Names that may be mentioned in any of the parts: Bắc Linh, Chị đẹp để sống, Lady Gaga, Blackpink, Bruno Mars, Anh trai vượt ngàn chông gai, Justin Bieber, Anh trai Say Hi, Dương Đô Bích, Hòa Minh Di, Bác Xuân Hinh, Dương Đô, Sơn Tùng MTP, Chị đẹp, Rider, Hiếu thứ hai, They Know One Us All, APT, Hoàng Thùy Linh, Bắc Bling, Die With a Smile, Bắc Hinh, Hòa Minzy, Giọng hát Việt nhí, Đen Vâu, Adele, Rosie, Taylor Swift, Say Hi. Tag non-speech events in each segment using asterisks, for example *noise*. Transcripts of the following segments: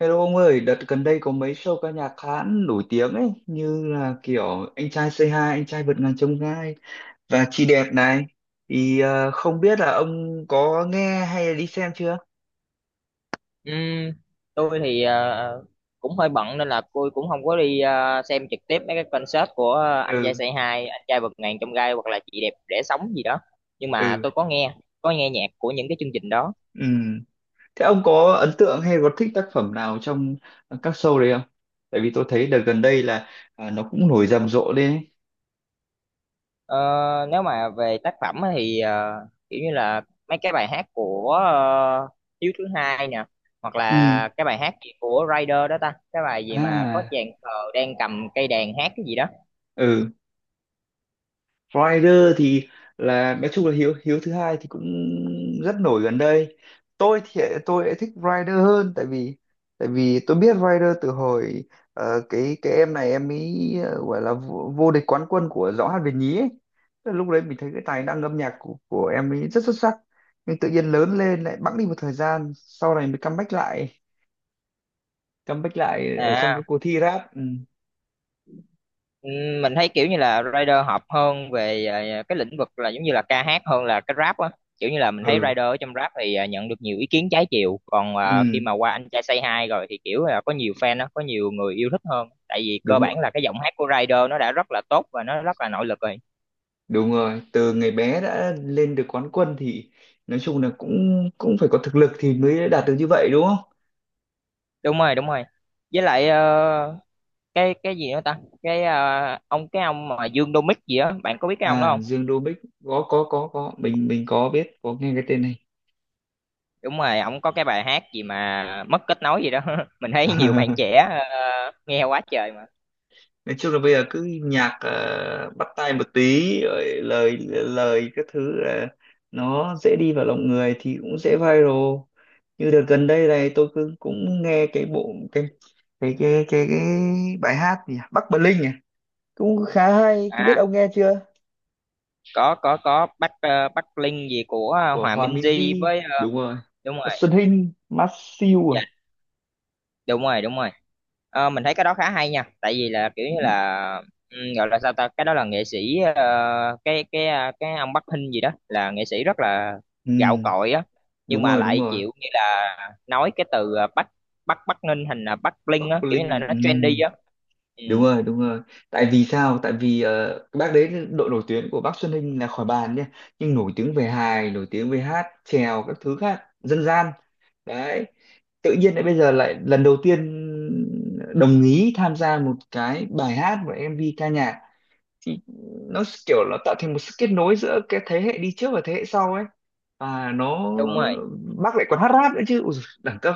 Hello ông ơi, đợt gần đây có mấy show ca nhạc khá nổi tiếng ấy, như là kiểu Anh trai Say Hi, Anh trai vượt ngàn chông gai và Chị đẹp này. Thì không biết là ông có nghe hay là đi xem chưa? Ừm, tôi thì cũng hơi bận nên là tôi cũng không có đi xem trực tiếp mấy cái concert của anh trai Ừ, Say Hi, anh trai vượt ngàn chông gai hoặc là chị đẹp để sống gì đó. Nhưng mà ừ, tôi có nghe nhạc của những cái chương trình đó. ừ. Thế ông có ấn tượng hay có thích tác phẩm nào trong các show đấy không? Tại vì tôi thấy đợt gần đây là nó cũng nổi rầm rộ lên ấy. Ờ, nếu mà về tác phẩm á thì kiểu như là mấy cái bài hát của Hiếu thứ hai nè, hoặc Ừ, là cái bài hát gì của Rider đó ta, cái bài gì mà có à, chàng khờ đang cầm cây đàn hát cái gì đó. ừ. Rider thì là nói chung là Hiếu Hiếu thứ hai thì cũng rất nổi gần đây. Tôi thì tôi lại thích Rider hơn, tại vì tôi biết Rider từ hồi cái em này, em ấy gọi là vô địch quán quân của Giọng hát Việt nhí ấy. Tức là lúc đấy mình thấy cái tài năng âm nhạc của em ấy rất xuất sắc, nhưng tự nhiên lớn lên lại bẵng đi một thời gian, sau này mới comeback lại ở trong các À, cuộc thi rap. Ừ, mình thấy kiểu như là rider hợp hơn về cái lĩnh vực là giống như là ca hát hơn là cái rap á, kiểu như là mình thấy ừ, rider ở trong rap thì nhận được nhiều ý kiến trái chiều, còn khi ừ. mà qua anh trai Say Hi rồi thì kiểu là có nhiều fan á, có nhiều người yêu thích hơn, tại vì cơ đúng bản là cái giọng hát của rider nó đã rất là tốt và nó rất là nội lực rồi. Đúng rồi, từ ngày bé đã lên được quán quân thì nói chung là cũng cũng phải có thực lực thì mới đạt được như vậy, đúng không? Đúng rồi đúng rồi, với lại cái gì nữa ta, cái ờ, ông cái ông mà Dương Đô gì á, bạn có biết cái ông À, đó không? Dương Đô Bích, có, mình có biết, có nghe cái tên này. Đúng rồi, ổng có cái bài hát gì mà mất kết nối gì đó *laughs* mình thấy nhiều bạn *laughs* trẻ nghe quá trời mà. Nói chung là bây giờ cứ nhạc bắt tai một tí rồi lời lời các thứ là nó dễ đi vào lòng người, thì cũng dễ viral. Như đợt gần đây này tôi cứ cũng nghe cái bộ cái bài hát gì nhỉ? Bắc Bling à, cũng khá hay, không biết À, ông nghe chưa? Có Bắc Bắc Linh gì của Của Hòa Hòa Minh Di Minzy, với đúng rồi. đúng rồi. Bác Xuân Hinh. Mát siêu à. Dạ, đúng rồi đúng rồi. Ờ, mình thấy cái đó khá hay nha, tại vì là kiểu Ừ, như là, ừ, gọi là sao ta, cái đó là nghệ sĩ cái ông Bắc Hinh gì đó là nghệ sĩ rất là gạo ừ, cội á, nhưng đúng mà rồi, đúng lại rồi. chịu như là nói cái từ Bắc Bắc Bắc Ninh thành là Bắc Linh á, Bắc kiểu như là Linh. nó Ừ, trendy á. Ừ, đúng rồi, đúng rồi. Tại vì sao? Tại vì cái bác đấy, độ nổi tiếng của bác Xuân Hinh là khỏi bàn nhé. Nhưng nổi tiếng về hài, nổi tiếng về hát chèo, các thứ khác dân gian. Đấy, tự nhiên lại bây giờ lại lần đầu tiên đồng ý tham gia một cái bài hát và MV ca nhạc, thì nó kiểu nó tạo thành một sự kết nối giữa cái thế hệ đi trước và thế hệ sau ấy. Và nó, đúng rồi bác lại còn hát rap nữa chứ. Ui, dồi, đẳng cấp.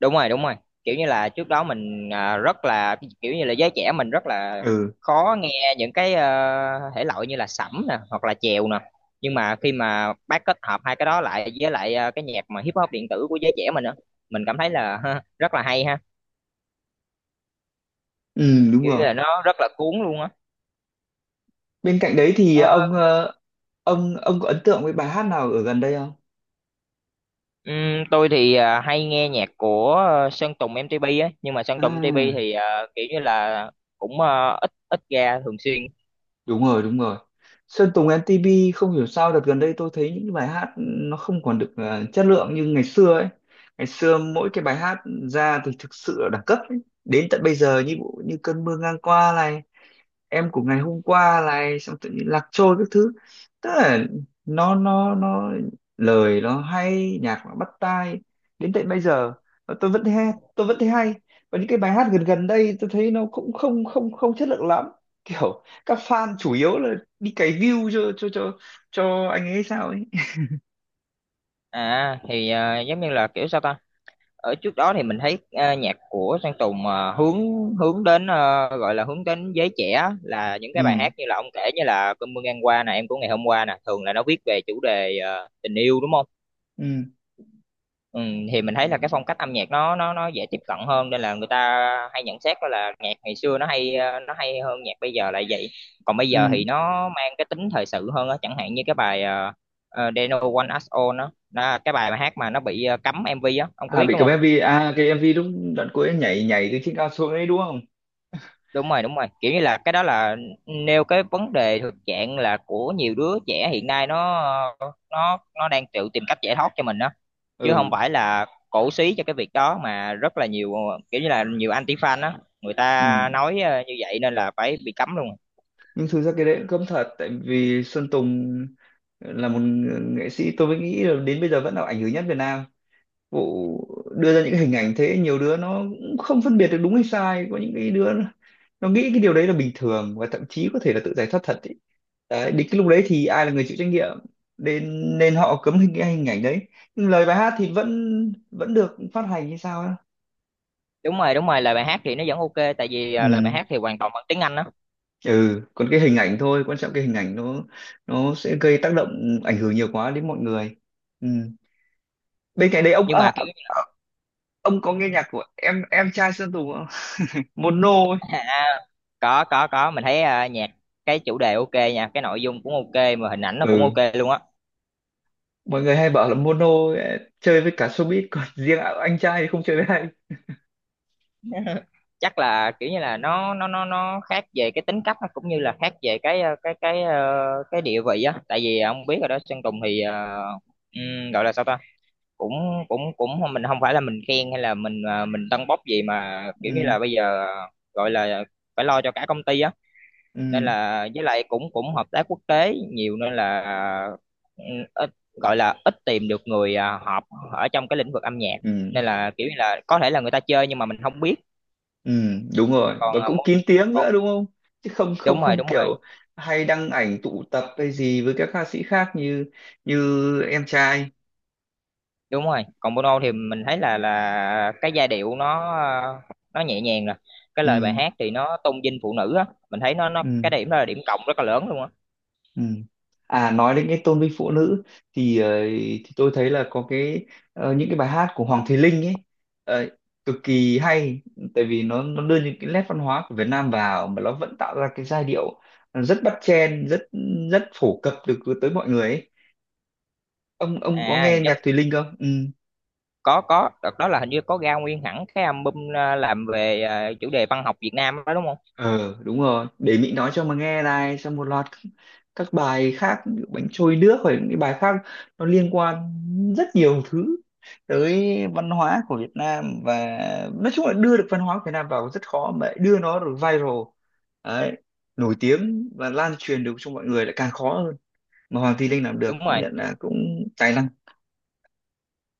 đúng rồi đúng rồi, kiểu như là trước đó mình rất là kiểu như là giới trẻ mình rất là Ừ, khó nghe những cái thể loại như là sẩm nè hoặc là chèo nè, nhưng mà khi mà bác kết hợp hai cái đó lại với lại cái nhạc mà hip hop điện tử của giới trẻ mình á, mình cảm thấy là ha, rất là hay ha, ừ, đúng kiểu như rồi. là nó rất là cuốn luôn á. Bên cạnh đấy thì Ờ, ông ờ, ông có ấn tượng với bài hát nào ở gần đây không? Tôi thì hay nghe nhạc của Sơn Tùng MTP á, nhưng mà Sơn Tùng MTP À, thì kiểu như là cũng ít, ra thường xuyên. đúng rồi, đúng rồi. Sơn Tùng MTP, không hiểu sao đợt gần đây tôi thấy những bài hát nó không còn được chất lượng như ngày xưa ấy. Ngày xưa mỗi cái bài hát ra thì thực sự là đẳng cấp ấy. Đến tận bây giờ như như cơn mưa ngang qua này, em của ngày hôm qua này, xong tự nhiên lạc trôi các thứ, tức là nó lời nó hay, nhạc nó bắt tai, đến tận bây giờ mà tôi vẫn thấy hay, tôi vẫn thấy hay. Và những cái bài hát gần gần đây tôi thấy nó cũng không không không chất lượng lắm, kiểu các fan chủ yếu là đi cày view cho anh ấy sao ấy. À thì giống như là kiểu sao ta, ở trước đó thì mình thấy nhạc của Sơn Tùng ờ, hướng hướng đến gọi là hướng đến giới trẻ, là những cái Ừ, bài hát như là ông kể, như là cơn mưa ngang qua nè, em của ngày hôm qua nè, thường là nó viết về chủ đề tình yêu đúng không? ừ, Ừ, thì mình thấy là cái phong cách âm nhạc nó nó dễ tiếp cận hơn nên là người ta hay nhận xét đó là nhạc ngày xưa nó hay, nó hay hơn nhạc bây giờ là vậy. Còn bây giờ thì ừ. nó mang cái tính thời sự hơn á, chẳng hạn như cái bài They Know One Us All đó, đó cái bài mà hát mà nó bị cấm MV á, ông có À, biết bị đúng cầm không? MV à? Cái MV lúc đoạn cuối nhảy nhảy từ trên cao xuống ấy, đúng không? Đúng rồi đúng rồi, kiểu như là cái đó là nêu cái vấn đề thực trạng là của nhiều đứa trẻ hiện nay, nó nó đang tự tìm cách giải thoát cho mình đó, chứ không Ừ, phải là cổ súy cho cái việc đó, mà rất là nhiều kiểu như là nhiều anti fan đó, người ừ. ta nói như vậy nên là phải bị cấm luôn. Nhưng thực ra cái đấy cũng cấm thật, tại vì Sơn Tùng là một nghệ sĩ, tôi mới nghĩ là đến bây giờ vẫn là ảnh hưởng nhất Việt Nam, vụ đưa ra những hình ảnh thế, nhiều đứa nó cũng không phân biệt được đúng hay sai. Có những cái đứa nó nghĩ cái điều đấy là bình thường, và thậm chí có thể là tự giải thoát thật ấy. Đấy, đến cái lúc đấy thì ai là người chịu trách nhiệm? Nên nên họ cấm cái hình ảnh đấy, nhưng lời bài hát thì vẫn vẫn được phát hành như sao á. Đúng rồi đúng rồi, lời bài hát thì nó vẫn ok, tại vì lời bài Ừ. hát thì hoàn toàn bằng tiếng Anh đó. Ừ, còn cái hình ảnh thôi, quan trọng cái hình ảnh nó sẽ gây tác động ảnh hưởng nhiều quá đến mọi người. Ừ. Bên cạnh đấy, Nhưng mà kiểu à, ông có nghe nhạc của em trai Sơn Tùng không? *laughs* Mono ấy. *laughs* à, có, mình thấy nhạc cái chủ đề ok nha, cái nội dung cũng ok mà hình ảnh nó cũng Ừ. ok luôn á. Mọi người hay bảo là mono ấy chơi với cả showbiz, còn *laughs* riêng anh trai thì không chơi với ai. *laughs* Chắc là kiểu như là nó nó khác về cái tính cách, nó cũng như là khác về cái cái địa vị á, tại vì ông biết rồi đó, Sơn Tùng thì gọi là sao ta, cũng cũng cũng mình không phải là mình khen hay là mình mình tâng bốc gì, mà kiểu như Ừ, là bây giờ gọi là phải lo cho cả công ty á, ừ, nên là với lại cũng cũng hợp tác quốc tế nhiều nên là, ừ, ít gọi là ít tìm được người hợp ở trong cái lĩnh vực âm nhạc, ừ, nên là kiểu như là có thể là người ta chơi nhưng mà mình không biết. ừ. Đúng rồi, và Còn à, cũng môn kín tiếng còn nữa, đúng không? Chứ không không đúng rồi không đúng kiểu rồi hay đăng ảnh tụ tập hay gì với các ca sĩ khác, như như em trai. đúng rồi. Còn môn thì mình thấy là cái giai điệu nó nó nhẹ nhàng rồi, cái Ừ, lời bài hát thì nó tôn vinh phụ nữ á, mình thấy nó cái ừ. điểm đó là điểm cộng rất là lớn luôn á. Ừ. À, nói đến cái tôn vinh phụ nữ thì thì tôi thấy là có những cái bài hát của Hoàng Thùy Linh ấy ờ, cực kỳ hay. Tại vì nó đưa những cái nét văn hóa của Việt Nam vào, mà nó vẫn tạo ra cái giai điệu rất bắt chen, rất rất phổ cập được tới mọi người ấy. Ông có À nghe giống, nhạc Thùy Linh không? Ừ. Có đợt đó là hình như có ra nguyên hẳn cái album làm về chủ đề văn học Việt Nam đó đúng không? Ờ, đúng rồi, để Mỹ nói cho mà nghe này, xong một loạt các bài khác, ví dụ bánh trôi nước, hoặc những cái bài khác, nó liên quan rất nhiều thứ tới văn hóa của Việt Nam. Và nói chung là đưa được văn hóa của Việt Nam vào rất khó, mà lại đưa nó được viral, đấy, nổi tiếng và lan truyền được cho mọi người lại càng khó hơn, mà Hoàng Thùy Linh làm được Đúng cũng rồi nhận là cũng tài năng.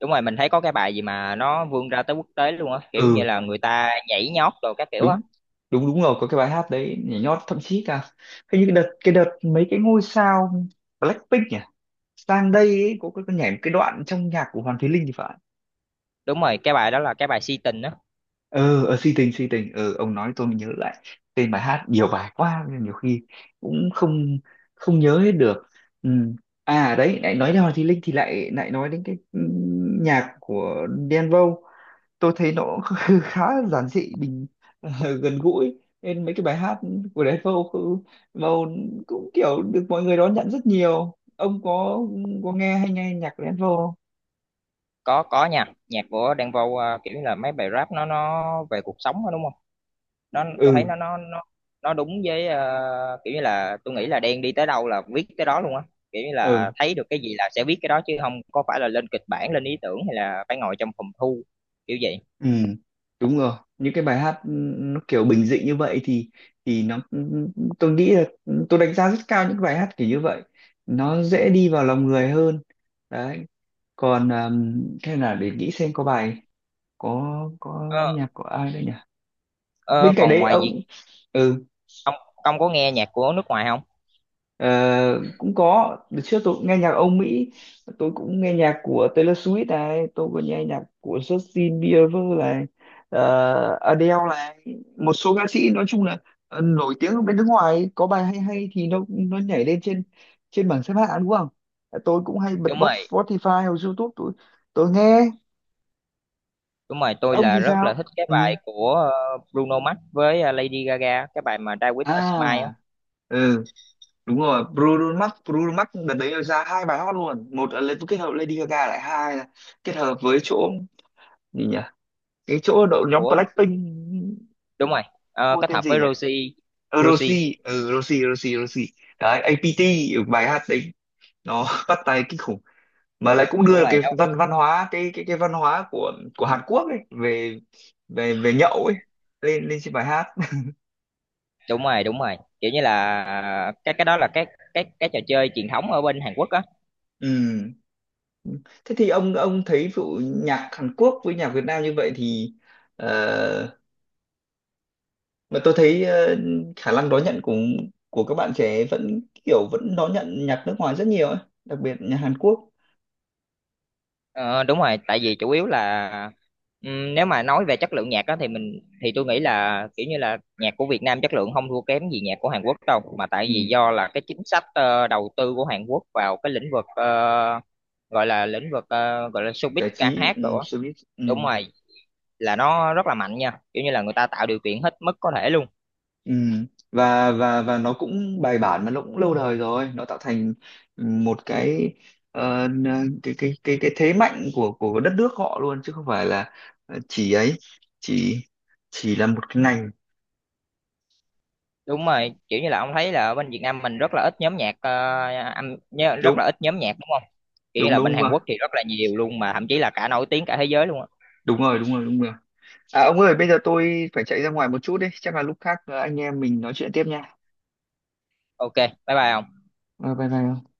đúng rồi, mình thấy có cái bài gì mà nó vươn ra tới quốc tế luôn á, kiểu như Ừ. là người ta nhảy nhót rồi các kiểu á. Đúng, đúng, đúng rồi, có cái bài hát đấy nhảy nhót, thậm chí cả hình như cái đợt, mấy cái ngôi sao Blackpink nhỉ, sang đây ấy, cô nhảy một cái đoạn trong nhạc của Hoàng Thùy Linh thì phải. Đúng rồi, cái bài đó là cái bài si tình á. Ờ, ờ, si tình, si tình. Ờ ông nói tôi mới nhớ lại tên bài hát, nhiều bài quá nên nhiều khi cũng không không nhớ hết được. Ừ. À, đấy, lại nói đến Hoàng Thùy Linh thì lại lại nói đến cái, nhạc của Đen Vâu. Tôi thấy nó *laughs* khá giản dị, ờ, gần gũi, nên mấy cái bài hát của Đen Vâu Vâu cũng kiểu được mọi người đón nhận rất nhiều. Ông có nghe hay nghe nhạc của Đen Vâu không? Có nha, nhạc của Đen Vâu kiểu như là mấy bài rap nó về cuộc sống đó, đúng không? Nó tôi thấy Ừ, nó nó đúng với kiểu như là tôi nghĩ là Đen đi tới đâu là viết tới đó luôn á, kiểu như ừ. là thấy được cái gì là sẽ viết cái đó, chứ không có phải là lên kịch bản, lên ý tưởng hay là phải ngồi trong phòng thu kiểu vậy. Ừ, đúng rồi. Những cái bài hát, nó kiểu bình dị như vậy thì nó, tôi nghĩ là, tôi đánh giá rất cao những bài hát kiểu như vậy. Nó dễ đi vào lòng người hơn. Đấy. Còn thế là để nghĩ xem có bài có ờ, nhạc của ai đây nhỉ? ờ, Bên cạnh còn đấy ngoài ông. việc, Ừ. ông ông có nghe nhạc của nước ngoài không? Ờ, cũng có đợt trước tôi cũng nghe nhạc Âu Mỹ, tôi cũng nghe nhạc của Taylor Swift này, tôi cũng nghe nhạc của Justin Bieber này, Adele này, một số ca sĩ nói chung là nổi tiếng ở bên nước ngoài, có bài hay hay thì nó nhảy lên trên trên bảng xếp hạng, đúng không? Ờ, tôi cũng hay bật Đúng bot rồi Spotify hoặc YouTube, tôi nghe. đúng rồi, tôi Ông là thì rất là sao? thích cái Ừ. bài của Bruno Mars với Lady Gaga, cái bài mà Die With a Smile á. À, ừ, đúng rồi, Bruno Mars, Bruno Mars đợt đấy ra hai bài hot luôn, một là lên kết hợp Lady Gaga lại, hai là kết hợp với chỗ gì nhỉ, cái chỗ đội nhóm của Blackpink, Đúng rồi. Ờ, cô kết tên hợp gì với nhỉ? Rosie. Ờ, Rosie Rosie. Ừ, Rosie, Rosie, Rosie, đấy, APT. Ở bài hát đấy nó *laughs* bắt tai kinh khủng, mà lại cũng đúng đưa rồi cái đó. văn văn hóa, cái văn hóa của Hàn Quốc ấy, về, về nhậu ấy, lên lên trên bài hát. Đúng rồi đúng rồi, kiểu như là cái đó là cái trò chơi truyền thống ở bên Hàn Quốc á. *laughs* Ừ. Thế thì ông thấy vụ nhạc Hàn Quốc với nhạc Việt Nam như vậy thì ờ, mà tôi thấy khả năng đón nhận của các bạn trẻ vẫn đón nhận nhạc nước ngoài rất nhiều ấy, đặc biệt nhạc Hàn Quốc. Ờ, đúng rồi, tại vì chủ yếu là, nếu mà nói về chất lượng nhạc á thì mình thì tôi nghĩ là kiểu như là nhạc của Việt Nam chất lượng không thua kém gì nhạc của Hàn Quốc đâu, mà tại Ừ, vì do là cái chính sách đầu tư của Hàn Quốc vào cái lĩnh vực ờ, gọi là lĩnh vực ờ, gọi là showbiz giải ca trí, hát ừ, rồi á. showbiz, ừ, Đúng rồi, là nó rất là mạnh nha, kiểu như là người ta tạo điều kiện hết mức có thể luôn. ừ. Và nó cũng bài bản, mà nó cũng lâu đời rồi, nó tạo thành một cái ờ, n- cái thế mạnh của đất nước họ luôn, chứ không phải là chỉ ấy chỉ chỉ là một cái ngành. Đúng rồi, kiểu như là ông thấy là ở bên Việt Nam mình rất là ít nhóm nhạc rất Đúng, là ít nhóm nhạc đúng không? Kiểu như đúng, là bên đúng Hàn rồi, Quốc thì rất là nhiều luôn, mà thậm chí là cả nổi tiếng cả thế giới luôn á. đúng rồi, đúng rồi, đúng rồi. À, ông ơi, bây giờ tôi phải chạy ra ngoài một chút đấy. Chắc là lúc khác anh em mình nói chuyện tiếp nha. Ok, bye bye ông. Ờ, bye bye ông.